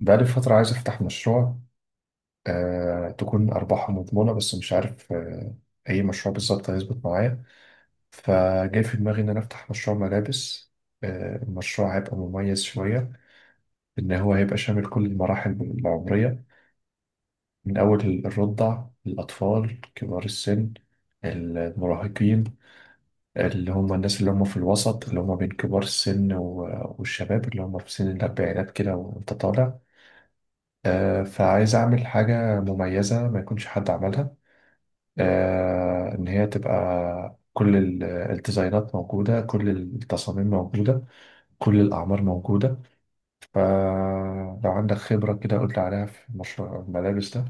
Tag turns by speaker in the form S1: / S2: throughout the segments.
S1: بقالي فترة عايز أفتح مشروع، تكون أرباحه مضمونة، بس مش عارف أي مشروع بالظبط هيظبط معايا. فجاي في دماغي إن أنا أفتح مشروع ملابس. المشروع هيبقى مميز شوية، إن هو هيبقى شامل كل المراحل العمرية، من أول الرضع، الأطفال، كبار السن، المراهقين، اللي هم الناس اللي هم في الوسط، اللي هم بين كبار السن والشباب اللي هم في سن الأربعينات كده وأنت طالع. فعايز أعمل حاجة مميزة ما يكونش حد عملها، إن هي تبقى كل الديزاينات موجودة، كل التصاميم موجودة، كل الأعمار موجودة. فلو عندك خبرة كده قول لي عليها في مشروع الملابس ده.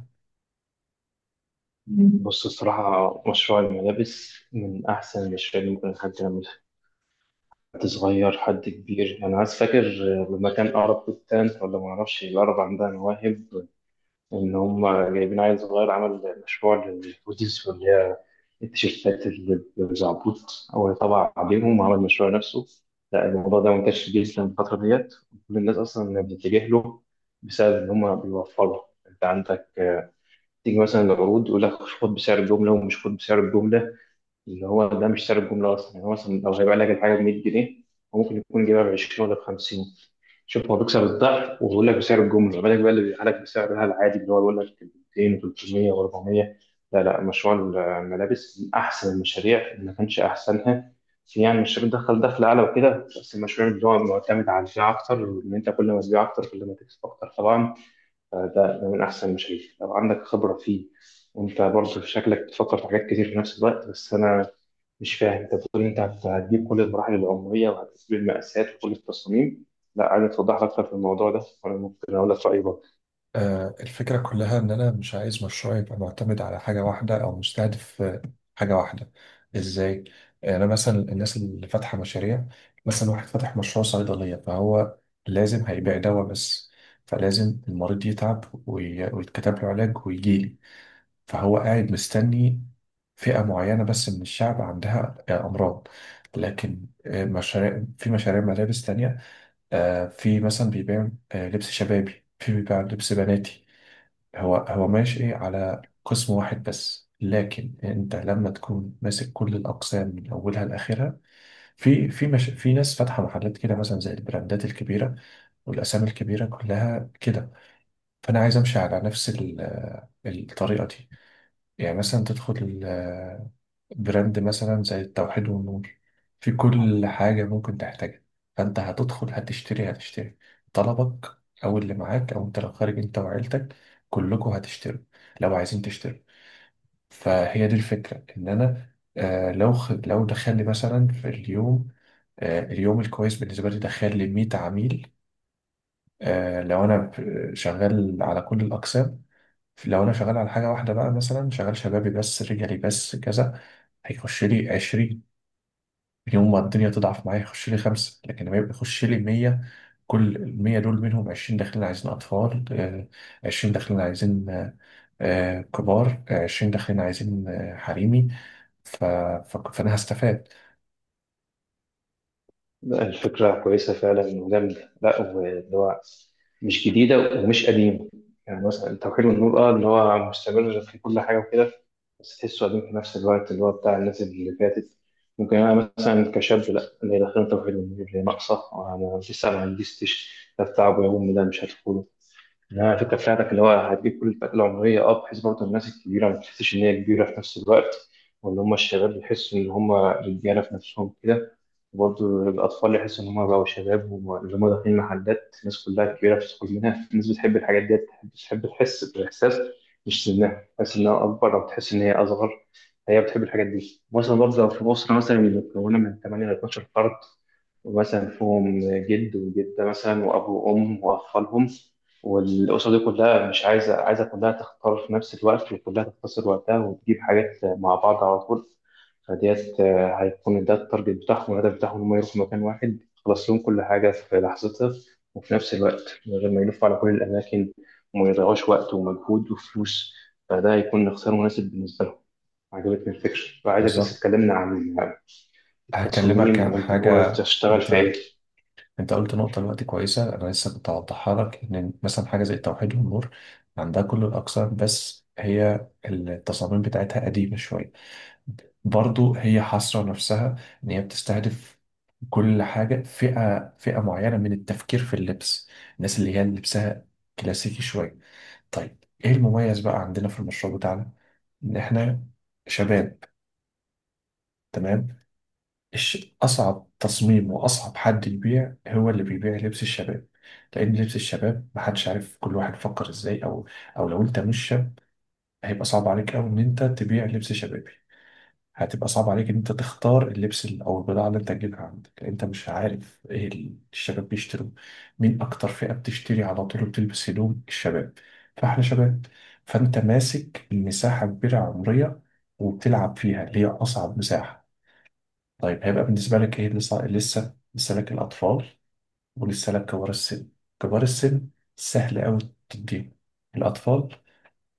S2: بص الصراحة مشروع الملابس من أحسن المشاريع اللي ممكن حد يعملها. حد صغير حد كبير. أنا عايز فاكر لما كان أقرب بستان ولا معرفش الأقرب عندها مواهب. إن هم جايبين عيل صغير عمل مشروع للهوديز واللي هي التيشيرتات اللي بزعبوط، هو طبع عليهم وعمل مشروع نفسه. لا، الموضوع ده منتشر جدا الفترة ديت، كل الناس أصلا بتتجه له بسبب إن هم بيوفروا. أنت عندك، تيجي مثلا العروض يقول لك خد بسعر الجملة، ومش خد بسعر الجملة اللي هو ده، مش سعر الجملة أصلا. يعني هو مثلا لو هيبيع لك الحاجة ب 100 جنيه، هو ممكن يكون جايبها ب 20 ولا ب 50. شوف هو بيكسب الضعف وبيقول لك بسعر الجملة، ما بالك بقى اللي بيبيعها لك بسعرها العادي اللي هو بيقول لك 200 و300 و400. لا لا، مشروع الملابس من أحسن المشاريع اللي ما كانش أحسنها. يعني مش بتدخل دخل أعلى وكده، بس المشروع اللي هو معتمد على البيع أكتر، إن أنت كل ما تبيع أكتر كل ما تكسب أكتر طبعا. فده من أحسن المشاريع لو عندك خبرة فيه. وانت برضه شكلك بتفكر في حاجات كتير في نفس الوقت، بس انا مش فاهم. انت بتقول انت هتجيب كل المراحل العمريه وهتجيب المقاسات وكل التصاميم. لا، عايز توضح لي اكتر في الموضوع ده وانا ممكن اقول لك رايي برضه.
S1: الفكرة كلها إن أنا مش عايز مشروعي يبقى معتمد على حاجة واحدة، أو مستهدف حاجة واحدة. إزاي؟ يعني أنا مثلا الناس اللي فاتحة مشاريع، مثلا واحد فاتح مشروع صيدلية، فهو لازم هيبيع دواء بس، فلازم المريض يتعب ويتكتب له علاج ويجيلي، فهو قاعد مستني فئة معينة بس من الشعب عندها أمراض. لكن مشاريع، في مشاريع ملابس تانية، في مثلا بيبيع لبس شبابي، في بيبيع لبس بناتي. هو ماشي على قسم واحد بس، لكن انت لما تكون ماسك كل الاقسام من اولها لاخرها، في مش، في ناس فاتحه محلات كده مثلا زي البراندات الكبيره والاسامي الكبيره كلها كده. فانا عايز امشي على نفس الطريقه دي. يعني مثلا تدخل براند مثلا زي التوحيد والنور، في كل حاجة ممكن تحتاجها. فأنت هتدخل، هتشتري طلبك، أو اللي معاك، أو أنت لو خارج أنت وعيلتك كلكم هتشتروا لو عايزين تشتروا. فهي دي الفكرة. إن أنا لو دخل لي مثلا في اليوم، اليوم الكويس بالنسبة لي، دخل لي 100 عميل، لو أنا شغال على كل الأقسام. لو أنا شغال على حاجة واحدة بقى، مثلا شغال شبابي بس، رجالي بس، كذا، هيخش لي 20. يوم ما الدنيا تضعف معايا يخش لي خمسة، لكن لما يبقى يخش لي 100، كل 100 دول منهم 20 داخلين عايزين أطفال، 20 داخلين عايزين كبار، 20 داخلين عايزين حريمي. ف... فأنا هستفاد.
S2: لا، الفكره كويسه فعلا وجامده. لا، واللي هو مش جديده ومش قديمه، يعني مثلا توحيد النور، اه، اللي هو مستمر في كل حاجه وكده، بس تحسه قديم في نفس الوقت، اللي هو بتاع الناس اللي فاتت. ممكن انا مثلا كشاب، لا، اللي داخل توحيد النور اللي ناقصه، انا لسه ما عنديش تيش. ده بتاع ابويا وامي، ده مش هدخله. انها الفكره بتاعتك اللي هو هتجيب كل الفئات العمريه، اه، بحيث برضه الناس الكبيره ما تحسش ان هي كبيره في نفس الوقت، واللي هم الشباب يحسوا ان هم رجاله في نفسهم كده، وبرضه الاطفال يحسوا ان هم بقوا شباب. واللي هم داخلين محلات الناس كلها كبيره بتدخل منها، الناس بتحب الحاجات دي، بتحب تحس بالاحساس، مش سنها تحس انها اكبر او تحس ان هي اصغر، هي بتحب الحاجات دي. مثلا برضه لو في اسره مثلا مكونه من 8 ل 12 فرد، ومثلا فيهم جد وجده مثلا واب وام واطفالهم، والأسرة دي كلها مش عايزة، كلها تختار في نفس الوقت، وكلها تختصر وقتها وتجيب حاجات مع بعض على طول. فديت، هيكون ده التارجت بتاعهم والهدف بتاعهم، إن هم يروحوا مكان واحد يخلص لهم كل حاجة في لحظتها، وفي نفس الوقت من غير ما يلفوا على كل الأماكن وما يضيعوش وقت ومجهود وفلوس. فده هيكون اختيار مناسب بالنسبة لهم. عجبتني الفكرة وعايزك بس
S1: بالظبط.
S2: تكلمنا عن
S1: هكلمك
S2: التصاميم
S1: عن
S2: وأنت ناوي
S1: حاجة.
S2: تشتغل في
S1: أنت
S2: إيه.
S1: أنت قلت نقطة دلوقتي كويسة. أنا لسه كنت هوضحها لك. إن مثلا حاجة زي التوحيد والنور عندها كل الأقسام، بس هي التصاميم بتاعتها قديمة شوية. برضو هي حاصرة نفسها، إن هي بتستهدف كل حاجة، فئة معينة من التفكير في اللبس، الناس اللي هي لبسها كلاسيكي شوية. طيب، إيه المميز بقى عندنا في المشروع بتاعنا؟ إن إحنا شباب. تمام. أصعب تصميم وأصعب حد يبيع هو اللي بيبيع لبس الشباب. لأن لبس الشباب محدش عارف كل واحد فكر إزاي، أو لو أنت مش شاب، هيبقى صعب عليك أوي إن أنت تبيع لبس شباب. هتبقى صعب عليك ان انت تختار اللبس او البضاعه اللي انت تجيبها عندك، لأن انت مش عارف ايه الشباب بيشتروا، مين اكتر فئه بتشتري على طول بتلبس هدوم الشباب. فاحنا شباب، فانت ماسك مساحه كبيره عمريه، وبتلعب فيها اللي هي اصعب مساحه. طيب، هيبقى بالنسبه لك ايه؟ لسه لك الاطفال، ولسه لك كبار السن. كبار السن سهل قوي، تديهم. الاطفال،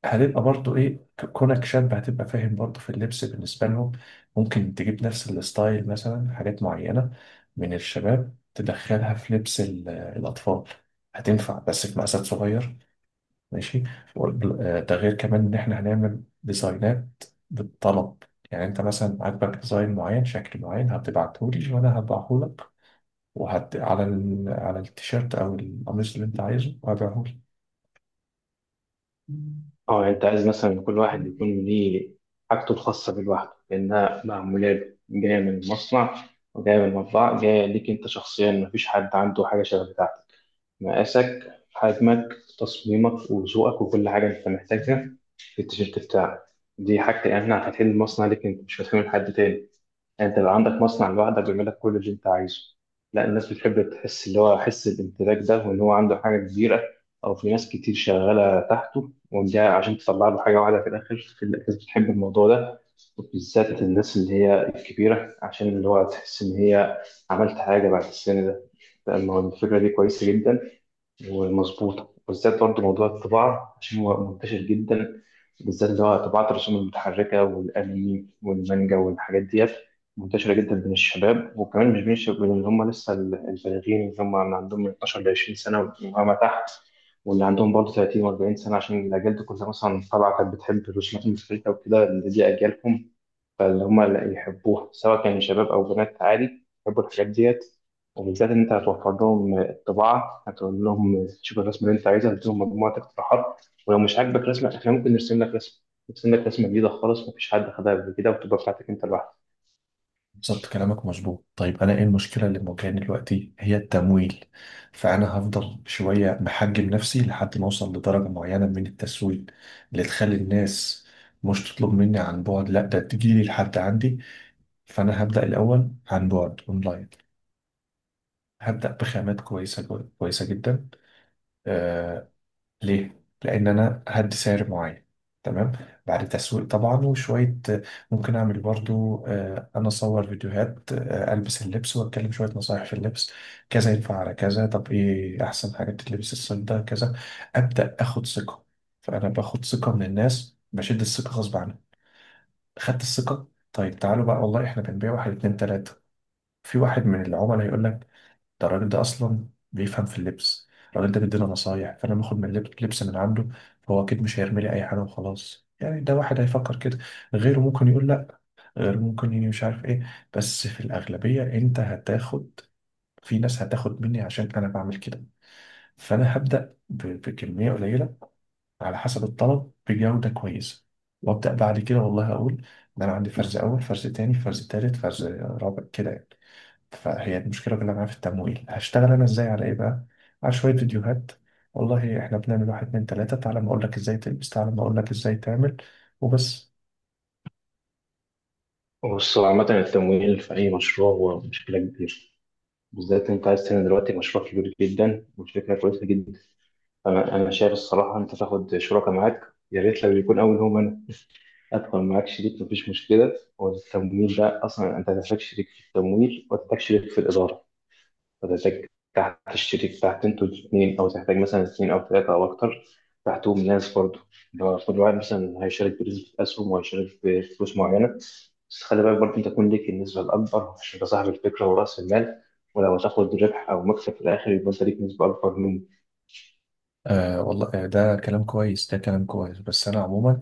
S1: هتبقى برضو ايه، كونك شاب هتبقى فاهم برضو في اللبس بالنسبة لهم. ممكن تجيب نفس الستايل، مثلا حاجات معينة من الشباب تدخلها في لبس الأطفال، هتنفع بس في مقاسات صغير. ماشي. ده غير كمان إن إحنا هنعمل ديزاينات بالطلب. يعني أنت مثلا عاجبك ديزاين معين، شكل معين، هتبعتهولي وأنا هبعهولك، على التيشيرت أو القميص اللي أنت عايزه وهبيعهولك.
S2: اه، يعني انت عايز مثلا كل واحد يكون ليه حاجته الخاصه بيه لوحده، لانها معموله له، جايه من المصنع وجايه من المطبعه، جايه ليك انت شخصيا، مفيش حد عنده حاجه شبه بتاعتك. مقاسك، حجمك، تصميمك وذوقك، وكل حاجه انت محتاجها في التيشيرت بتاعك دي حاجتي انا. هتحل المصنع ليك انت، مش هتحمل حد تاني، انت بقى عندك مصنع لوحدك بيعمل لك كل اللي انت عايزه. لا، الناس بتحب تحس اللي هو حس الامتلاك ده، وان هو عنده حاجه كبيره، او في ناس كتير شغاله تحته، وده عشان تطلع له حاجه واحده في الاخر. في الناس بتحب الموضوع ده، وبالذات الناس اللي هي الكبيره، عشان اللي هو تحس ان هي عملت حاجه بعد السن ده. لأن هو الفكره دي كويسه جدا ومظبوطة، بالذات برضه موضوع الطباعة عشان هو منتشر جدا، بالذات اللي هو طباعة الرسوم المتحركة والأنمي والمانجا والحاجات ديت، منتشرة جدا بين الشباب، وكمان مش بين الشباب، بين اللي هم لسه البالغين، اللي هم اللي عندهم من 12 ل 20 سنة وما تحت، واللي عندهم برضه 30 و40 سنة، عشان الأجيال دي كلها مثلا طالعة كانت بتحب الرسومات المتحركة وكده، اللي دي أجيالهم، فاللي هم اللي يحبوها سواء كان شباب أو بنات، عادي يحبوا الحاجات ديت. وبالذات إن أنت هتوفر لهم الطباعة، هتقول لهم شوف الرسمة اللي أنت عايزها، هتديهم مجموعة اقتراحات، ولو مش عاجبك رسمة إحنا ممكن نرسم لك رسمة جديدة خالص، مفيش حد خدها قبل كده وتبقى بتاعتك أنت لوحدك.
S1: بالظبط. كلامك مظبوط. طيب، انا ايه المشكله اللي مواجهاني دلوقتي؟ هي التمويل. فانا هفضل شويه محجم نفسي لحد ما اوصل لدرجه معينه من التسويق، اللي تخلي الناس مش تطلب مني عن بعد، لا ده تجيلي لحد عندي. فانا هبدا الاول عن بعد اونلاين، هبدا بخامات كويسه كويسه جدا. آه، ليه؟ لأن أنا هدي سعر معين. تمام. بعد تسويق طبعا وشوية. ممكن أعمل برضو أنا أصور فيديوهات، ألبس اللبس وأتكلم شوية نصايح في اللبس. كذا ينفع على كذا، طب إيه أحسن حاجة تتلبس الصيف ده، كذا. أبدأ آخد ثقة. فأنا باخد ثقة من الناس، بشد الثقة غصب عنها. خدت الثقة. طيب تعالوا بقى، والله إحنا بنبيع واحد اتنين تلاتة. في واحد من العملاء هيقول لك، ده الراجل ده اصلا بيفهم في اللبس، الراجل ده بيدينا نصايح، فانا باخد من لبس من عنده، فهو اكيد مش هيرمي لي اي حاجه وخلاص، يعني ده واحد هيفكر كده. غيره ممكن يقول لا، غيره ممكن يجي مش عارف ايه، بس في الاغلبيه انت هتاخد، في ناس هتاخد مني عشان انا بعمل كده. فانا هبدا بكميه قليله على حسب الطلب بجوده كويسه، وابدا بعد كده والله اقول ان انا عندي فرز اول، فرز تاني، فرز تالت، فرز رابع كده يعني. فهي المشكلة كلها معايا في التمويل. هشتغل أنا إزاي، على إيه بقى؟ على شوية فيديوهات، والله إحنا بنعمل واحد اتنين تلاتة، تعالى ما أقولك إزاي تلبس، تعالى ما أقولك إزاي تعمل. وبس.
S2: بص هو عامة التمويل في أي مشروع هو مشكلة كبيرة، بالذات أنت عايز تعمل دلوقتي مشروع كبير جدا والفكرة كويسة جدا. فأنا شايف الصراحة أنت تاخد شركاء معاك، يا ريت لو يكون أول هم أنا، ادخل معاك شريك مفيش مشكله. والتمويل ده اصلا انت هتحتاج شريك في التمويل، وهتحتاج شريك في الاداره، وهتحتاج تحت الشريك تحت، انتوا الاثنين، او تحتاج مثلا اثنين او ثلاثه او اكتر تحتهم ناس برضه. لو كل واحد مثلا هيشارك بنسبه اسهم وهيشارك بفلوس معينه، بس خلي بالك برضه انت تكون ليك النسبه الاكبر عشان انت صاحب الفكره وراس المال، ولو هتاخد ربح او مكسب في الاخر يبقى انت ليك نسبه اكبر منه.
S1: والله، ده كلام كويس، ده كلام كويس، بس انا عموما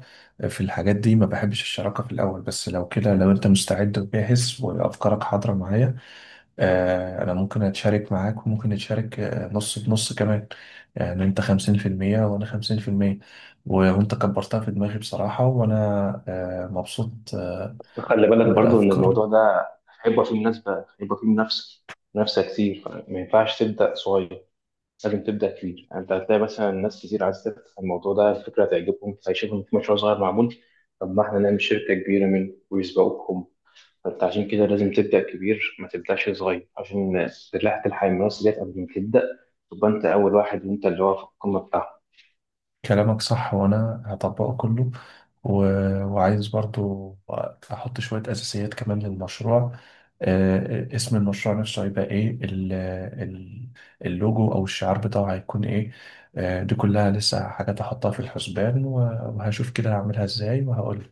S1: في الحاجات دي ما بحبش الشراكة في الاول، بس لو كده، لو انت مستعد وجاهز وافكارك حاضرة معايا، انا ممكن اتشارك معاك، وممكن نتشارك نص بنص كمان. يعني انت 50%، وانا 50%. وانت كبرتها في دماغي بصراحة، وانا مبسوط
S2: خلي بالك برضو ان
S1: بالافكار.
S2: الموضوع ده هيبقى فيه مناسبة، هيبقى فيه منافسة كتير، فما ينفعش تبدأ صغير، لازم تبدأ كبير. يعني انت هتلاقي مثلا ناس كتير عايز تفتح الموضوع ده، الفكرة هتعجبهم، هيشوفوا إن في مشروع صغير معمول، طب ما احنا نعمل شركة كبيرة منه ويسبقوكم. فانت عشان كده لازم تبدأ كبير، ما تبدأش صغير، عشان تلحق الناس ديت قبل ما تبدأ، تبقى انت اول واحد وانت اللي هو في القمة بتاعهم.
S1: كلامك صح وانا هطبقه كله، و... وعايز برضو احط شوية اساسيات كمان للمشروع. اسم المشروع نفسه هيبقى ايه، ال- اللوجو او الشعار بتاعه هيكون ايه؟ دي كلها لسه حاجات احطها في الحسبان، وهشوف كده هعملها ازاي وهقول